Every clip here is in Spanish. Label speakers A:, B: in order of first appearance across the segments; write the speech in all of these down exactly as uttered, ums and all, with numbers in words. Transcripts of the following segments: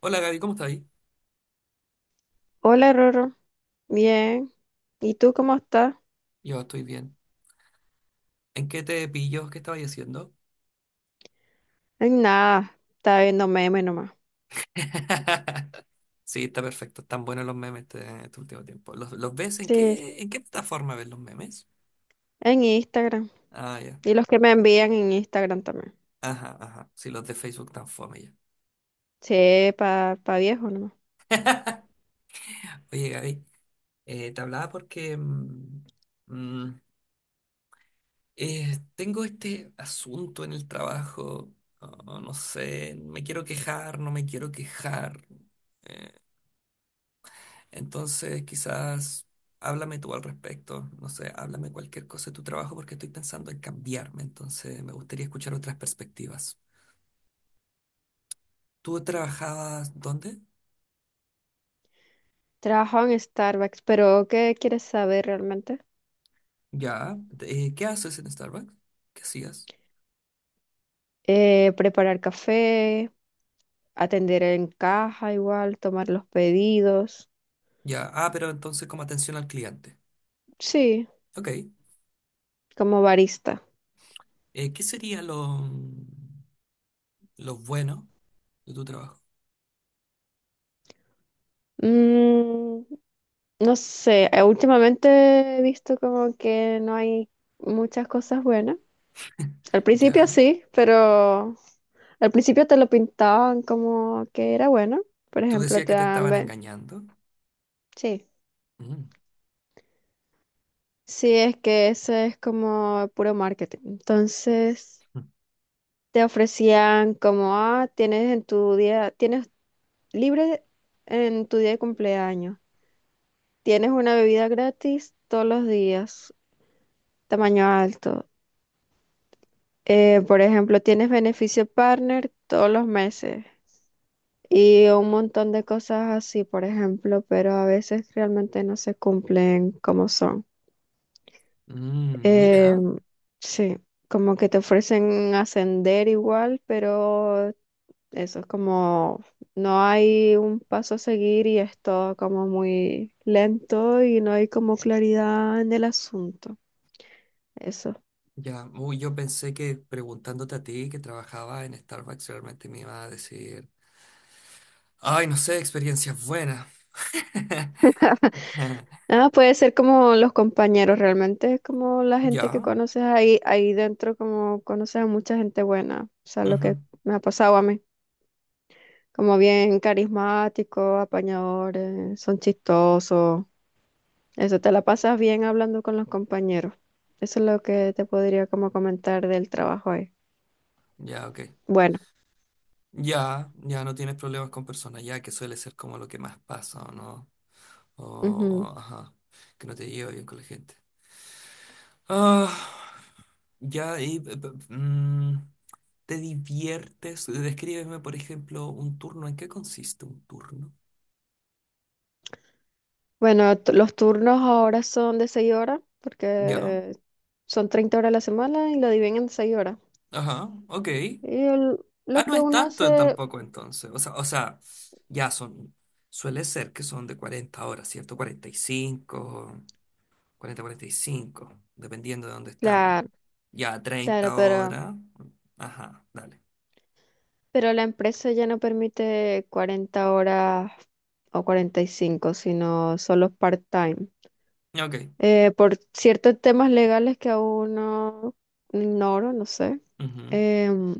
A: Hola Gaby, ¿cómo estás?
B: Hola, Roro. Bien. ¿Y tú cómo estás?
A: Yo estoy bien. ¿En qué te pillo? ¿Qué estaba diciendo?
B: En nada. Está viendo memes nomás.
A: Sí, está perfecto. Están buenos los memes este, este último tiempo. ¿Los, los ves en
B: Sí,
A: qué, en qué plataforma ves los memes?
B: en Instagram.
A: Ah, ya.
B: Y los que me envían en Instagram también.
A: Ajá, ajá. Sí, los de Facebook tan fome ya.
B: Sí, pa, pa viejo nomás.
A: Oye, Gaby, eh, te hablaba porque mm, mm, eh, tengo este asunto en el trabajo. Oh, no sé, me quiero quejar, no me quiero quejar. Eh, Entonces, quizás háblame tú al respecto, no sé, háblame cualquier cosa de tu trabajo porque estoy pensando en cambiarme, entonces me gustaría escuchar otras perspectivas. ¿Tú trabajabas dónde?
B: Trabajo en Starbucks, pero ¿qué quieres saber realmente?
A: Ya, eh, ¿qué haces en Starbucks? ¿Qué hacías?
B: Eh, preparar café, atender en caja igual, tomar los pedidos.
A: Ya, ah, pero entonces como atención al cliente.
B: Sí,
A: Ok,
B: como barista.
A: eh, ¿qué sería lo, lo bueno de tu trabajo?
B: Mm, no sé, eh, últimamente he visto como que no hay muchas cosas buenas. Al principio
A: Ya,
B: sí, pero al principio te lo pintaban como que era bueno. Por
A: tú
B: ejemplo,
A: decías
B: te
A: que te
B: dan...
A: estaban
B: ve-
A: engañando.
B: Sí,
A: Mm,
B: sí, es que eso es como puro marketing. Entonces, te ofrecían como, ah, tienes en tu día, tienes libre en tu día de cumpleaños. Tienes una bebida gratis todos los días, tamaño alto. Eh, por ejemplo, tienes beneficio partner todos los meses y un montón de cosas así, por ejemplo, pero a veces realmente no se cumplen como son.
A: mm,
B: Eh,
A: Mira.
B: sí, como que te ofrecen ascender igual, pero eso es como no hay un paso a seguir y es todo como muy lento y no hay como claridad en el asunto. Eso.
A: Ya, uy, yo pensé que preguntándote a ti que trabajaba en Starbucks realmente me iba a decir, ay, no sé, experiencias buenas.
B: Ah, puede ser como los compañeros, realmente es como la gente que
A: Ya,
B: conoces ahí, ahí dentro, como conoces a mucha gente buena, o sea, lo que
A: ujú,
B: me ha pasado a mí, como bien carismáticos, apañadores, son chistosos, eso te la pasas bien hablando con los compañeros, eso es lo que te podría como comentar del trabajo ahí.
A: ya, ok.
B: Bueno,
A: Ya, ya no tienes problemas con personas, ya que suele ser como lo que más pasa, ¿o no? O,
B: ujú.
A: o, ajá, que no te llevo bien con la gente. Ah, ya, y, eh, p- p- mm, ¿te diviertes? Descríbeme, por ejemplo, un turno. ¿En qué consiste un turno?
B: Bueno, t- los turnos ahora son de seis horas,
A: Ya,
B: porque son treinta horas a la semana y lo dividen en seis horas.
A: ajá, ok.
B: Y el-
A: Ah,
B: lo
A: no
B: que
A: es
B: uno
A: tanto
B: hace,
A: tampoco entonces. O sea, o sea, ya son, suele ser que son de cuarenta horas, ¿cierto? Cuarenta cuarenta y cinco, cuarenta cuarenta y cinco, dependiendo de dónde estamos.
B: claro,
A: Ya
B: claro,
A: treinta
B: pero,
A: horas. Ajá, dale.
B: pero la empresa ya no permite cuarenta horas o cuarenta y cinco sino solo part-time.
A: Ok.
B: Eh, por ciertos temas legales que aún no ignoro, no sé.
A: Ujú,
B: em,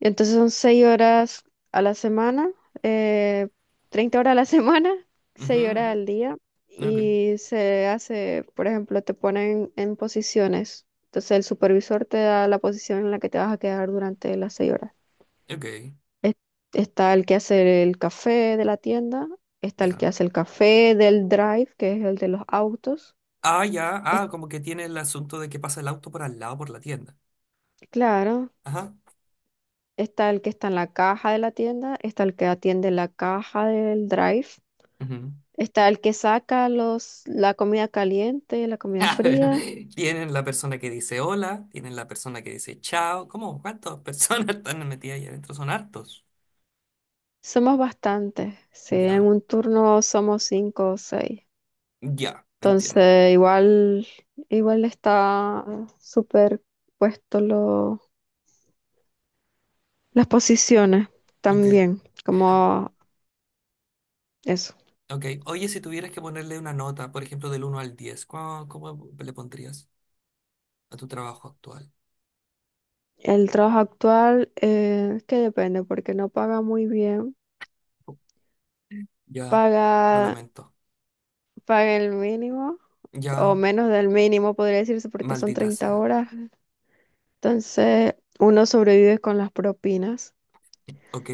B: Entonces son seis horas a la semana, eh, treinta horas a la semana,
A: ujú,
B: seis horas
A: ujú.
B: al día.
A: Ok,
B: Y se hace, por ejemplo, te ponen en posiciones. Entonces el supervisor te da la posición en la que te vas a quedar durante las seis horas.
A: ok,
B: Es- Está el que hace el café de la tienda, está el que
A: ya.
B: hace el café del drive, que es el de los autos.
A: Ah, ya,
B: Es-
A: ah, como que tiene el asunto de que pasa el auto por al lado por la tienda.
B: claro,
A: Ajá.
B: está el que está en la caja de la tienda, está el que atiende la caja del drive. Está el que saca los, la comida caliente, la comida fría.
A: Tienen la persona que dice hola, tienen la persona que dice chao. ¿Cómo? ¿Cuántas personas están metidas ahí adentro? Son hartos.
B: Somos bastantes, sí, en
A: Ya,
B: un turno somos cinco o seis.
A: ya, entiendo.
B: Entonces, igual, igual está súper puesto lo- las posiciones
A: Ok,
B: también, como eso.
A: ok. Oye, si tuvieras que ponerle una nota, por ejemplo, del uno al diez, ¿cómo, cómo le pondrías a tu trabajo actual?
B: El trabajo actual, eh, que depende, porque no paga muy bien.
A: Ya, lo
B: Paga,
A: lamento.
B: paga el mínimo, o
A: Ya,
B: menos del mínimo, podría decirse, porque son
A: maldita
B: treinta
A: sea.
B: horas Entonces, uno sobrevive con las propinas
A: Ok,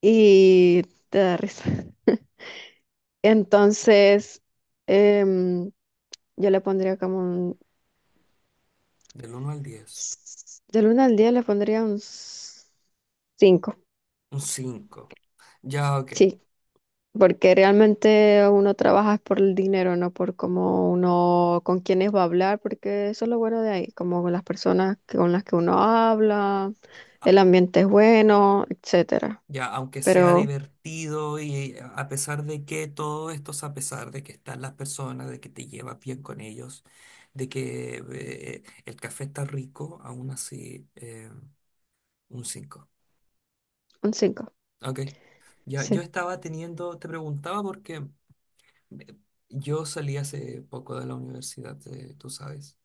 B: y te da risa. Entonces, em, yo le pondría como un...
A: del uno al diez,
B: s- Del uno al diez le pondría un cinco,
A: un cinco. Ya, ok.
B: sí, porque realmente uno trabaja es por el dinero, no por cómo uno, con quiénes va a hablar, porque eso es lo bueno de ahí, como con las personas que- con las que uno habla, el ambiente es bueno, etcétera.
A: Ya, aunque sea
B: Pero
A: divertido y a pesar de que todo esto es a pesar de que están las personas, de que te llevas bien con ellos, de que eh, el café está rico, aún así eh, un cinco.
B: un cinco,
A: Ok. Ya,
B: sí.
A: yo estaba teniendo, te preguntaba porque eh, yo salí hace poco de la universidad, eh, tú sabes.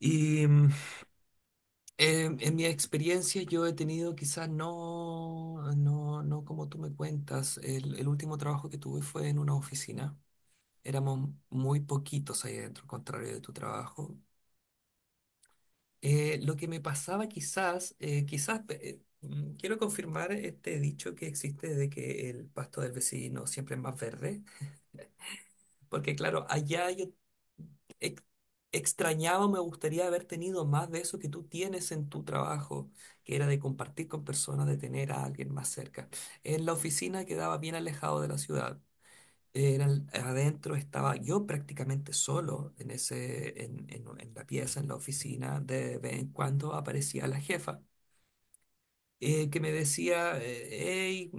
A: Y mm, En, en mi experiencia yo he tenido quizás no, no, no como tú me cuentas. El, el último trabajo que tuve fue en una oficina. Éramos muy poquitos ahí adentro, al contrario de tu trabajo. Eh, lo que me pasaba quizás, eh, quizás eh, mm, quiero confirmar este dicho que existe de que el pasto del vecino siempre es más verde, porque claro, allá yo ex- extrañaba, me gustaría haber tenido más de eso que tú tienes en tu trabajo, que era de compartir con personas, de tener a alguien más cerca. En la oficina quedaba bien alejado de la ciudad. Era, adentro estaba yo prácticamente solo en ese, en, en en la pieza, en la oficina. De vez en cuando aparecía la jefa eh, que me decía, hey,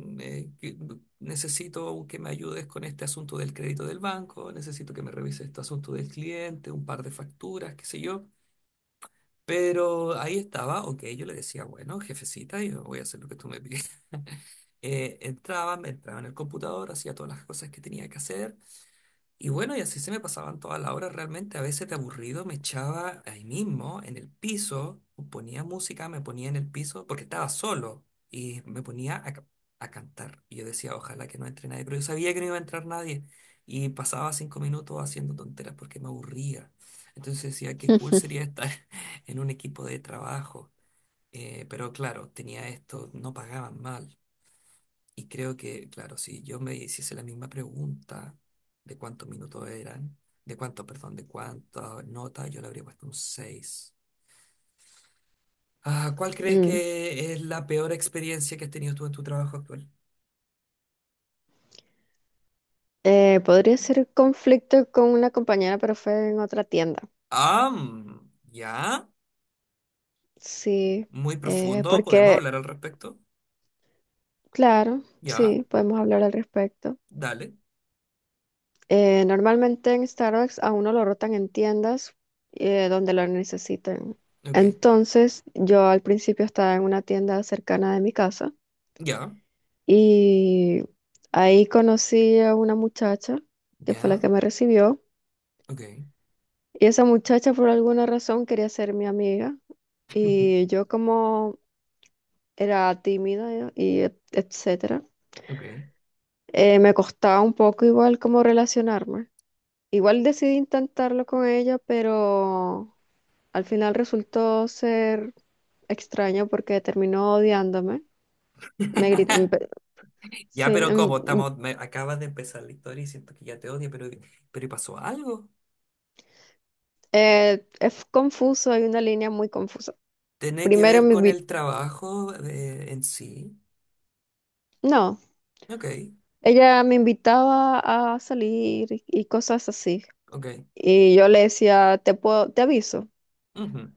A: necesito que me ayudes con este asunto del crédito del banco, necesito que me revise este asunto del cliente, un par de facturas, qué sé yo. Pero ahí estaba, ok, yo le decía, bueno, jefecita, yo voy a hacer lo que tú me pides. Eh, entraba, me entraba en el computador, hacía todas las cosas que tenía que hacer y bueno, y así se me pasaban todas las horas realmente. A veces de aburrido me echaba ahí mismo, en el piso, ponía música, me ponía en el piso, porque estaba solo, y me ponía a, ca- a cantar. Y yo decía, ojalá que no entre nadie, pero yo sabía que no iba a entrar nadie. Y pasaba cinco minutos haciendo tonteras porque me aburría. Entonces decía, qué cool sería estar en un equipo de trabajo. Eh, pero claro, tenía esto, no pagaban mal. Y creo que, claro, si yo me hiciese la misma pregunta de cuántos minutos eran, de cuánto, perdón, de cuántas notas, yo le habría puesto un seis. Ah, ¿cuál crees
B: Mm.
A: que es la peor experiencia que has tenido tú en tu trabajo actual?
B: Eh, podría ser conflicto con una compañera, pero fue en otra tienda.
A: Ah, mm, ya,
B: Sí,
A: muy
B: eh,
A: profundo, podemos
B: porque,
A: hablar al respecto.
B: claro,
A: Ya,
B: sí, podemos hablar al respecto.
A: dale,
B: Eh, normalmente en Starbucks a uno lo rotan en tiendas eh, donde lo necesiten.
A: ok,
B: Entonces, yo al principio estaba en una tienda cercana de mi casa
A: ya,
B: y ahí conocí a una muchacha que fue la
A: ya,
B: que me recibió.
A: ok,
B: Y esa muchacha por alguna razón quería ser mi amiga y yo como era tímida y et- etcétera,
A: ok.
B: eh, me costaba un poco igual como relacionarme. Igual decidí intentarlo con ella, pero al final resultó ser extraño porque terminó odiándome. Me gri- me pe- Sí,
A: Ya, pero
B: em,
A: ¿cómo
B: mm,
A: estamos? Me acabas de empezar la historia y siento que ya te odio, pero, pero ¿y pasó algo?
B: eh, es confuso, hay una línea muy confusa.
A: Tiene que
B: Primero
A: ver
B: me
A: con el
B: invitó,
A: trabajo eh, en sí.
B: no.
A: Ok,
B: Ella me invitaba a salir y y cosas así.
A: ok.
B: Y yo le decía, te puedo, te aviso.
A: Ujú,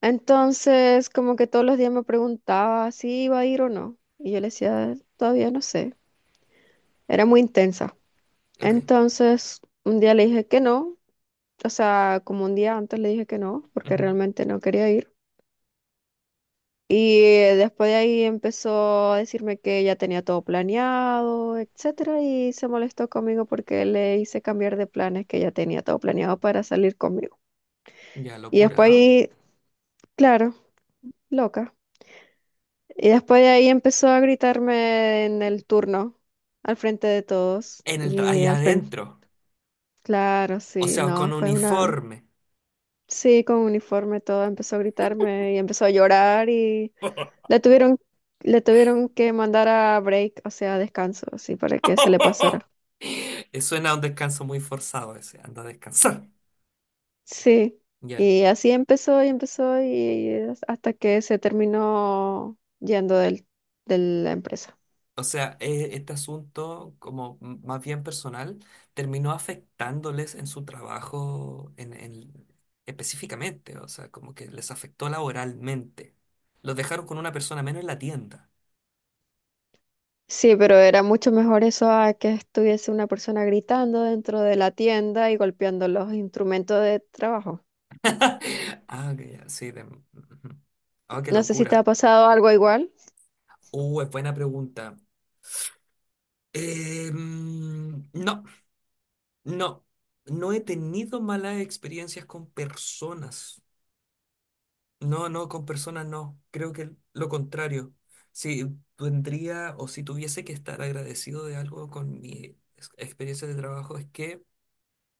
B: Entonces, como que todos los días me preguntaba si iba a ir o no. Y yo le decía, todavía no sé. Era muy intensa.
A: ok.
B: Entonces, un día le dije que no. O sea, como un día antes le dije que no, porque
A: Ujú.
B: realmente no quería ir. Y eh, después de ahí empezó a decirme que ya tenía todo planeado, etcétera, y se molestó conmigo porque le hice cambiar de planes que ya tenía todo planeado para salir conmigo.
A: Ya,
B: Y después
A: locura. ¿Ah?
B: ahí, claro, loca. Y después de ahí empezó a gritarme en el turno, al frente de todos.
A: En el tra-
B: Y
A: allá
B: al frente,
A: adentro.
B: claro,
A: O
B: sí,
A: sea,
B: no,
A: con
B: fue una,
A: uniforme.
B: sí, con uniforme todo, empezó a gritarme y empezó a llorar y la tuvieron, le tuvieron que mandar a break, o sea, a descanso, así, para que se le pasara.
A: Suena a un descanso muy forzado ese. Anda a descansar.
B: Sí,
A: Ya.
B: y así empezó y empezó y hasta que se terminó yendo del, de la empresa.
A: O sea, e- este asunto, como m- más bien personal, terminó afectándoles en su trabajo en, en- específicamente, o sea, como que les afectó laboralmente. Los dejaron con una persona menos en la tienda.
B: Sí, pero era mucho mejor eso a que estuviese una persona gritando dentro de la tienda y golpeando los instrumentos de trabajo.
A: Ah, ok, ya, sí. De- ujú. Ah, qué
B: No sé si te ha
A: locura.
B: pasado algo igual.
A: Uh, es buena pregunta. Eh, mm, no, no. No he tenido malas experiencias con personas. No, no, con personas no. Creo que lo contrario. Si tendría o si tuviese que estar agradecido de algo con mi ex- experiencia de trabajo es que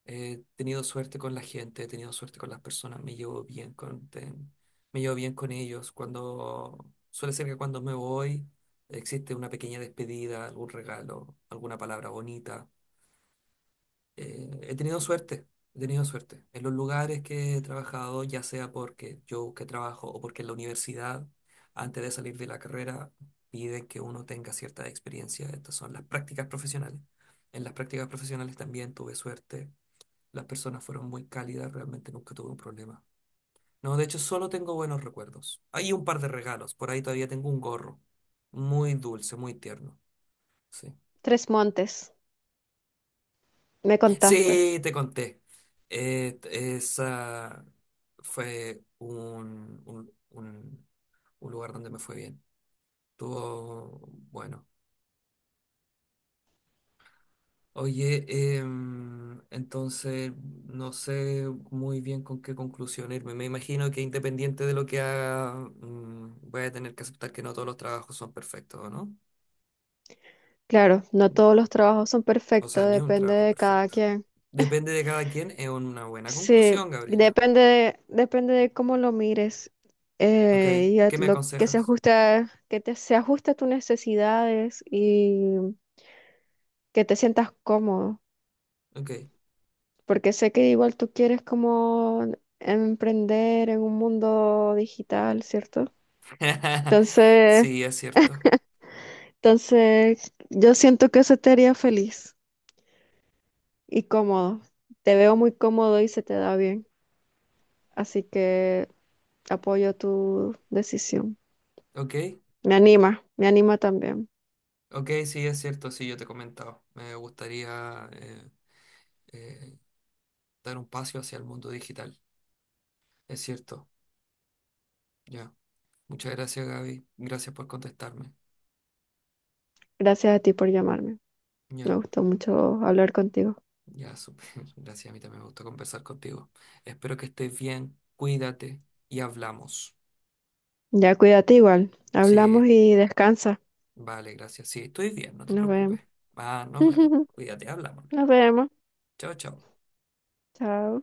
A: he tenido suerte con la gente, he tenido suerte con las personas, me llevo bien con, ten- me llevo bien con ellos. Cuando suele ser que cuando me voy existe una pequeña despedida, algún regalo, alguna palabra bonita eh, he tenido suerte, he tenido suerte. En los lugares que he trabajado, ya sea porque yo busqué trabajo o porque en la universidad, antes de salir de la carrera, piden que uno tenga cierta experiencia. Estas son las prácticas profesionales. En las prácticas profesionales también tuve suerte. Las personas fueron muy cálidas, realmente nunca tuve un problema. No, de hecho, solo tengo buenos recuerdos. Hay un par de regalos, por ahí todavía tengo un gorro. Muy dulce, muy tierno. Sí.
B: Tres Montes, me contaste.
A: Sí, te conté. Eh, t- esa fue un, un, un- un lugar donde me fue bien. Estuvo bueno. Oye, em, entonces no sé muy bien con qué conclusión irme. Me imagino que independiente de lo que haga, mm, voy a tener que aceptar que no todos los trabajos son perfectos, ¿o no?
B: Claro, no todos los trabajos son
A: O sea,
B: perfectos,
A: ni un
B: depende
A: trabajo es
B: de cada
A: perfecto.
B: quien.
A: Depende de cada quien, es una buena
B: Sí,
A: conclusión, Gabriela.
B: depende de, depende de cómo lo mires
A: Ok,
B: eh, y a
A: ¿qué me
B: lo que se
A: aconsejas?
B: ajusta, que te, se ajuste a tus necesidades y que te sientas cómodo,
A: Ok.
B: porque sé que igual tú quieres como emprender en un mundo digital, ¿cierto? Entonces,
A: Sí, es cierto.
B: entonces yo siento que eso te haría feliz y cómodo. Te veo muy cómodo y se te da bien, así que apoyo tu decisión.
A: Ok,
B: Me anima, me anima también.
A: ok, sí, es cierto. Sí, yo te he comentado. Me gustaría eh, eh, dar un paso hacia el mundo digital. Es cierto. Ya. Muchas gracias, Gaby. Gracias por contestarme.
B: Gracias a ti por llamarme. Me
A: Ya,
B: gustó mucho hablar contigo.
A: ya, súper. Gracias. A mí también me gusta conversar contigo. Espero que estés bien. Cuídate y hablamos.
B: Ya cuídate igual. Hablamos
A: Sí,
B: y descansa.
A: vale, gracias. Sí, estoy bien, no te
B: Nos vemos.
A: preocupes. Ah, nos vemos. Cuídate, hablamos.
B: Nos vemos.
A: Chao, chao.
B: Chao.